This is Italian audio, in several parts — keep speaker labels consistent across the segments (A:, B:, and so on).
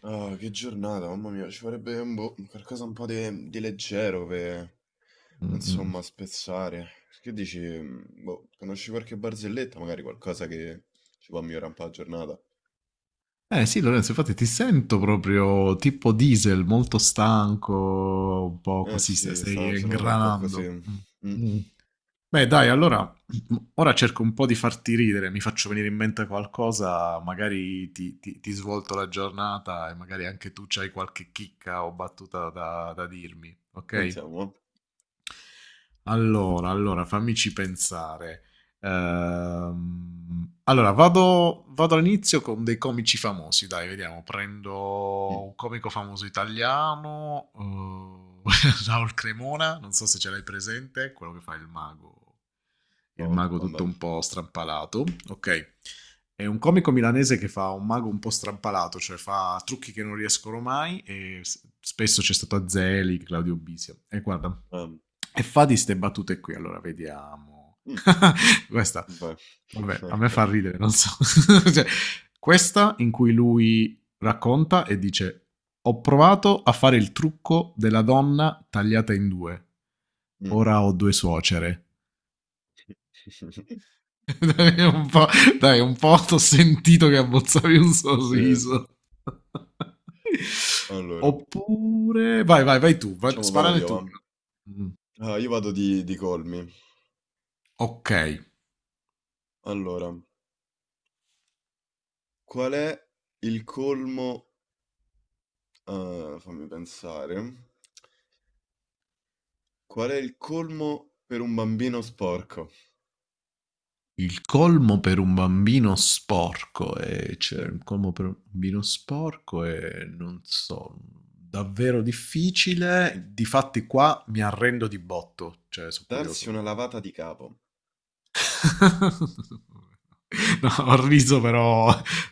A: Ah, che giornata, mamma mia, ci farebbe un boh, qualcosa un po' di leggero per,
B: Mm-mm.
A: insomma, spezzare. Che dici, boh, conosci qualche barzelletta, magari qualcosa che ci può migliorare un po' la giornata?
B: Eh sì, Lorenzo, infatti ti sento proprio tipo diesel, molto stanco, un po'
A: Eh
B: così,
A: sì,
B: stai,
A: è stata una
B: stai
A: giornata un po' così.
B: ingranando. Mm.
A: Mm,
B: Mm. Beh, dai, allora, ora cerco un po' di farti ridere, mi faccio venire in mente qualcosa, magari ti svolto la giornata e magari anche tu c'hai qualche chicca o battuta da dirmi, ok?
A: sentiamo.
B: Allora, fammici pensare. Allora, vado all'inizio con dei comici famosi, dai, vediamo.
A: Eh.
B: Prendo
A: Mm,
B: un comico famoso italiano, eh, Raul Cremona, non so se ce l'hai presente, quello che fa il
A: oh,
B: mago tutto
A: vabbè.
B: un po' strampalato. Ok, è un comico milanese che fa un mago un po' strampalato, cioè fa trucchi che non riescono mai e spesso c'è stato Azzelli, Claudio Bisio. E guarda.
A: Ehm,
B: E fa di ste battute qui, allora vediamo.
A: mm,
B: questa,
A: Vai.
B: vabbè, a me
A: Ecco.
B: fa ridere, non so. Cioè, questa in cui lui racconta e dice: ho provato a fare il trucco della donna tagliata in due.
A: Mm.
B: Ora ho due suocere. dai, un po', Dai, un po' t'ho sentito che abbozzavi un
A: Sì, sì.
B: sorriso.
A: Allora,
B: Oppure, vai, vai, vai tu, vai,
A: facciamo, vado
B: sparane
A: io,
B: tu.
A: va.
B: Mm,
A: Ah, io vado di colmi.
B: ok.
A: Allora, qual è il colmo? Ah, fammi pensare. Qual è il colmo per un bambino sporco?
B: Il colmo per un bambino sporco, cioè il
A: Sì.
B: colmo per un bambino sporco è, non so, davvero difficile. Difatti qua mi arrendo di botto, cioè so'
A: Darsi una
B: curioso.
A: lavata di capo.
B: No, ho riso, però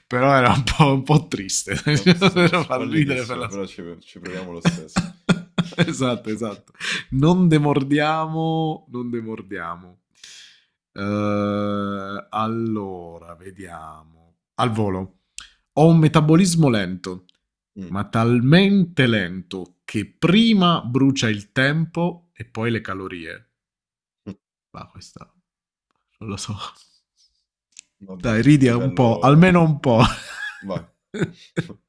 B: però era un po' triste.
A: No, queste sono
B: Però fa ridere per
A: squallidissime,
B: la.
A: però ci proviamo lo stesso.
B: Esatto, esatto. Non demordiamo, non demordiamo. Allora, vediamo. Al volo. Ho un metabolismo lento,
A: Mm,
B: ma talmente lento che prima brucia il tempo e poi le calorie. Ma questa non lo so.
A: vabbè,
B: Dai, ridi un po', almeno
A: livello...
B: un po'.
A: Vai.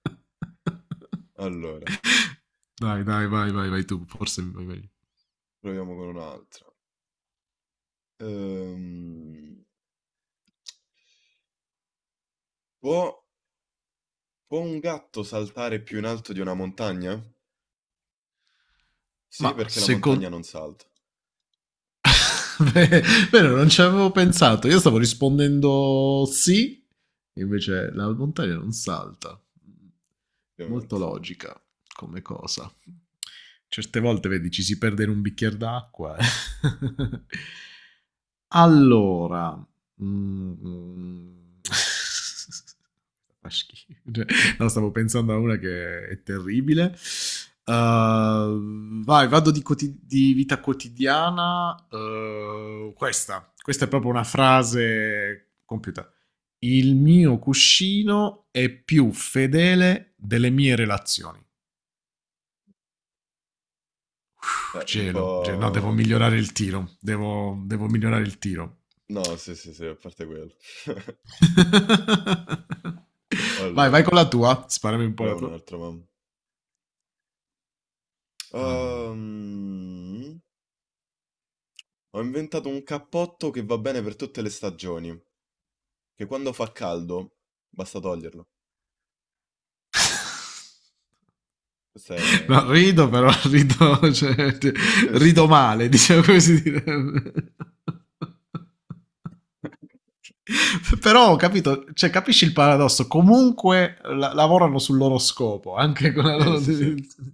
A: Allora,
B: Dai, dai, vai, vai, vai tu, forse vai meglio.
A: proviamo con un'altra. Ehm, può, può un gatto saltare più in alto di una montagna? Sì,
B: Ma
A: perché la montagna
B: secondo
A: non salta.
B: me, non
A: Molto
B: ci
A: semplice,
B: avevo pensato. Io stavo rispondendo sì, invece la montagna non salta. Molto
A: ovviamente.
B: logica come cosa. Certe volte, vedi, ci si perde in un bicchiere d'acqua. Allora, mhmm, fa schifo. Cioè, no, stavo pensando a una che è terribile. Vai, vado di vita quotidiana. Questa è proprio una frase compiuta. Il mio cuscino è più fedele delle mie relazioni. Puh,
A: Un
B: Gelo, no, devo
A: po'...
B: migliorare il tiro. Devo migliorare il tiro.
A: No, sì, sì, sì, a parte quello.
B: Vai, vai
A: Allora,
B: con la tua. Sparami un po' la
A: proviamo un
B: tua.
A: altro, mamma.
B: All-
A: Ehm, ho inventato un cappotto che va bene per tutte le stagioni, che quando fa caldo basta toglierlo. Questo è...
B: No, rido però, rido, cioè, rido male. Diciamo come si direbbe. Però ho capito, cioè, capisci il paradosso? Comunque lavorano sul loro scopo, anche con la
A: Sì, sì,
B: loro
A: sì, sì.
B: definizione.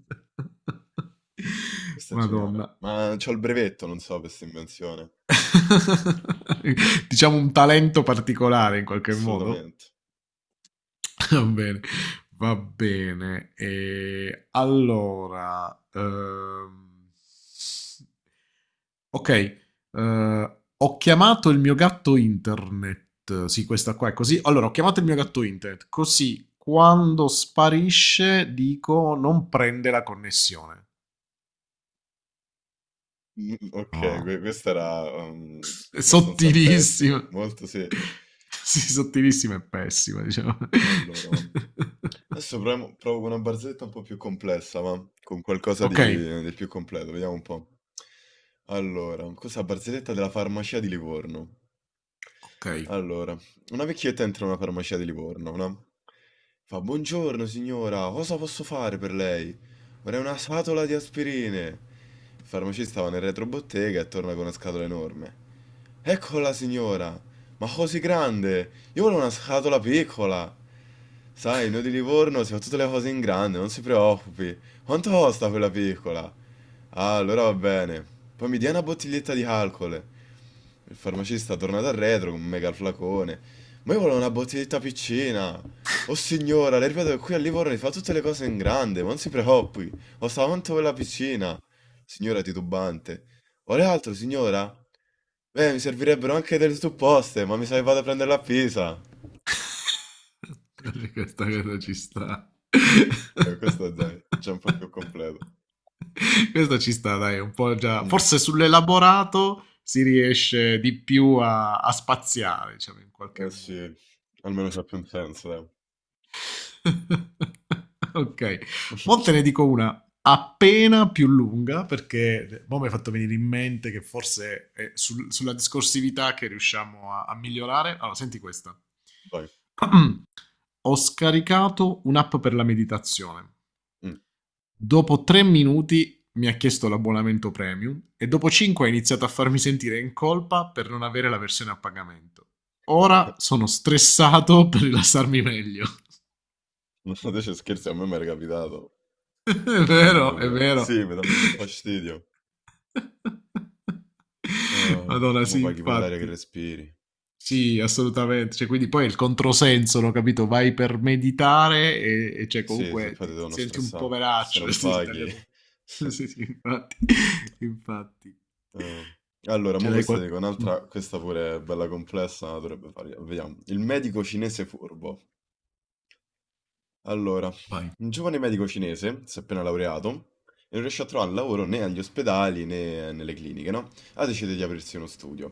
A: Questo è geniale.
B: Madonna.
A: Ma c'ho il brevetto, non so, per questa invenzione.
B: Diciamo un talento particolare in qualche modo.
A: Assolutamente.
B: Va bene, va bene. E allora, ok, ho chiamato il mio gatto internet. Sì, questa qua è così. Allora, ho chiamato il mio gatto internet, così quando sparisce dico non prende la connessione.
A: Mm, ok,
B: No,
A: questa era
B: è
A: abbastanza pessima.
B: sottilissima.
A: Molto sì.
B: Sì, sottilissima e pessima, diciamo.
A: Allora, mamma. Provo con una barzelletta un po' più complessa, ma con qualcosa
B: Ok,
A: di più completo, vediamo un po'. Allora, questa barzelletta della farmacia di Livorno.
B: ok.
A: Allora, una vecchietta entra in una farmacia di Livorno, no? Fa, buongiorno signora, cosa posso fare per lei? Vorrei una scatola di aspirine. Il farmacista va nel retrobottega e torna con una scatola enorme. Eccola signora, ma così grande! Io volevo una scatola piccola! Sai, noi di Livorno si fa tutte le cose in grande, non si preoccupi. Quanto costa quella piccola? Ah, allora va bene. Poi mi dia una bottiglietta di alcol. Il farmacista torna dal retro con un mega flacone. Ma io volevo una bottiglietta piccina. Oh signora, le ripeto che qui a Livorno si fa tutte le cose in grande, ma non si preoccupi. Costa quanto quella piccina. Signora titubante. Vuole altro, signora? Beh, mi servirebbero anche delle supposte, ma mi sa che vado a prenderla a Pisa.
B: Questa cosa ci sta.
A: Questo dai, già un po' più completo.
B: Questa ci sta, dai, un po' già.
A: Mh,
B: Forse sull'elaborato si riesce di più a spaziare, diciamo, in qualche
A: eh sì,
B: modo.
A: almeno c'ha più un senso dai.
B: Ok, mo te ne dico una appena più lunga, perché mo mi hai fatto venire in mente che forse è sulla discorsività che riusciamo a migliorare. Allora, senti questa.
A: Vai,
B: Ho scaricato un'app per la meditazione.
A: mh.
B: Dopo 3 minuti mi ha chiesto l'abbonamento premium e dopo cinque ha iniziato a farmi sentire in colpa per non avere la versione a pagamento. Ora sono stressato per rilassarmi meglio.
A: Non so te ci scherzi, a me m'era capitato.
B: È
A: Mamma
B: vero, è
A: mia.
B: vero.
A: Sì, mi danno un fastidio. Ah,
B: Madonna,
A: mo
B: sì,
A: paghi pure l'aria che
B: infatti.
A: respiri.
B: Sì, assolutamente. Cioè, quindi poi è il controsenso, no, capito? Vai per meditare e cioè,
A: Sì, se
B: comunque
A: poi ti
B: ti
A: devono
B: senti un
A: stressà. Se
B: poveraccio.
A: non
B: Sì, sì,
A: paghi...
B: tagliato. Sì, sì, infatti. Infatti.
A: Ah. Allora,
B: Ce
A: mo
B: l'hai
A: questa
B: qualche...
A: dico
B: Mm,
A: un'altra, questa pure è bella complessa, ma dovrebbe fargli... Vediamo. Il medico cinese furbo. Allora,
B: vai,
A: un giovane medico cinese si è appena laureato e non riesce a trovare lavoro né agli ospedali né nelle cliniche, no? Ha deciso di aprirsi uno studio.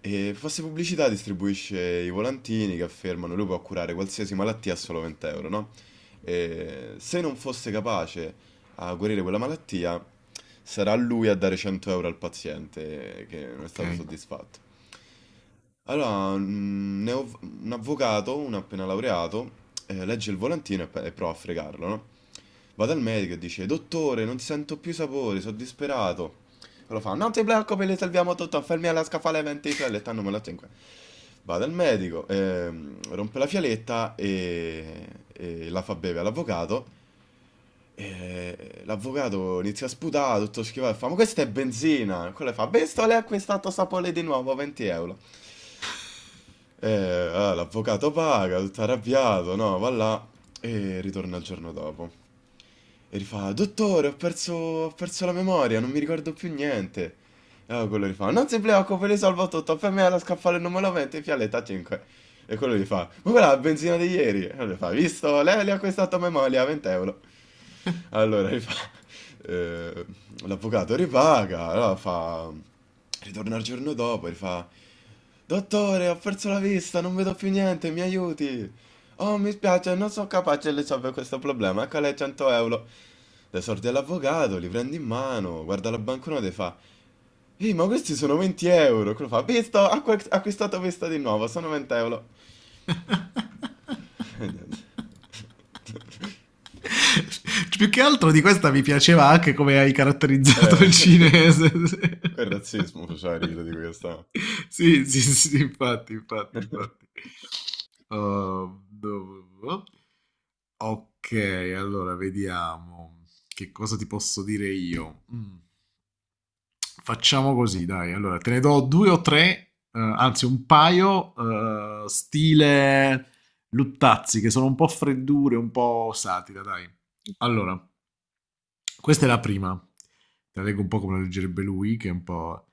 A: E fa se pubblicità distribuisce i volantini che affermano lui può curare qualsiasi malattia a solo 20 euro, no? E se non fosse capace a guarire quella malattia, sarà lui a dare 100 euro al paziente che non è
B: ok.
A: stato soddisfatto. Allora, un avvocato, un appena laureato, legge il volantino e, e prova a fregarlo, no? Va dal medico e dice, dottore, non sento più sapore, sono disperato. Allora fa, non ti preoccupi, le salviamo tutto, fermi alla scaffale 20 fialette, hanno malato in qua. Va dal medico, rompe la fialetta e la fa bere all'avvocato. E l'avvocato inizia a sputare, tutto schivato, e fa, ma questa è benzina. Quello fa, visto, lei ha acquistato sapore di nuovo, 20 euro. Eh, ah, l'avvocato paga, tutto arrabbiato, no, va là e ritorna il giorno dopo. E rifà, dottore, ho perso la memoria, non mi ricordo più niente. E allora quello rifà, non si preoccupi, risolvo tutto, per me è lo scaffale numero 20, fialetta 5. E quello gli fa, ma quella è la benzina di ieri. E allora gli fa, visto, lei le ha acquistato a memoria, 20 euro. Allora gli fa, eh, l'avvocato ripaga, allora fa, ritorna il giorno dopo, e gli fa... Dottore, ho perso la vista, non vedo più niente, mi aiuti. Oh, mi spiace, non sono capace di risolvere questo problema. Ecco lei 100 euro. Le sordi all'avvocato, li prendi in mano, guarda la banconota e fa: Ehi, ma questi sono 20 euro. Quello fa: Visto, acquistato questa di nuovo, sono 20 euro. E niente.
B: Più che altro di questa mi piaceva anche come hai caratterizzato
A: Eh,
B: il cinese.
A: quel razzismo faceva ridere di questa.
B: Sì, sì, sì, infatti, infatti, infatti. Oh, no. Ok, allora vediamo che cosa ti posso dire io. Mm. Facciamo così, dai. Allora, te ne do due o tre, anzi un paio, stile Luttazzi, che sono un po' freddure, un po' satira, dai. Allora, questa è la prima. Te la leggo un po' come la leggerebbe lui, che è un po'...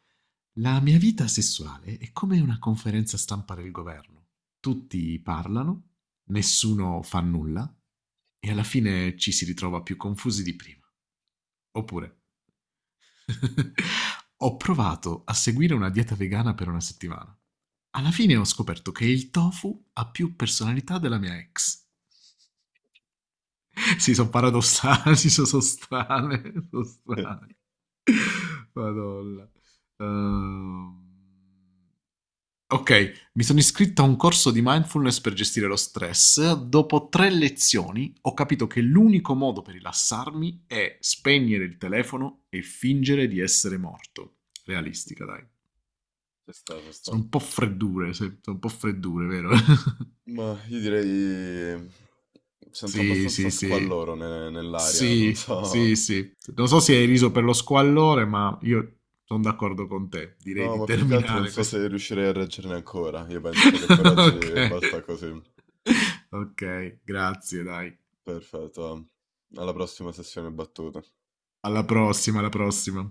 B: La mia vita sessuale è come una conferenza stampa del governo. Tutti parlano, nessuno fa nulla e alla fine ci si ritrova più confusi di prima. Oppure... Ho provato a seguire una dieta vegana per una settimana. Alla fine ho scoperto che il tofu ha più personalità della mia ex. Sì, sono paradossali, si sono so strane, sono
A: Sì,
B: strane. Madonna. Ehm, ok, mi sono iscritto a un corso di mindfulness per gestire lo stress. Dopo tre lezioni ho capito che l'unico modo per rilassarmi è spegnere il telefono e fingere di essere morto. Realistica, dai.
A: ci sta, ci sta.
B: Sono un po' freddure, sono un po' freddure, vero?
A: Ma io direi. Sento
B: Sì,
A: abbastanza
B: sì, sì.
A: squalloro nell'aria, non
B: Sì, sì,
A: so.
B: sì. Non so se hai riso per lo squallore, ma io sono d'accordo con te. Direi
A: No,
B: di
A: ma più che altro non
B: terminare
A: so
B: questo.
A: se riuscirei a reggerne ancora. Io penso che per
B: Ok.
A: oggi basta così.
B: Ok, grazie, dai.
A: Perfetto. Alla prossima sessione battuta.
B: Alla prossima, alla prossima.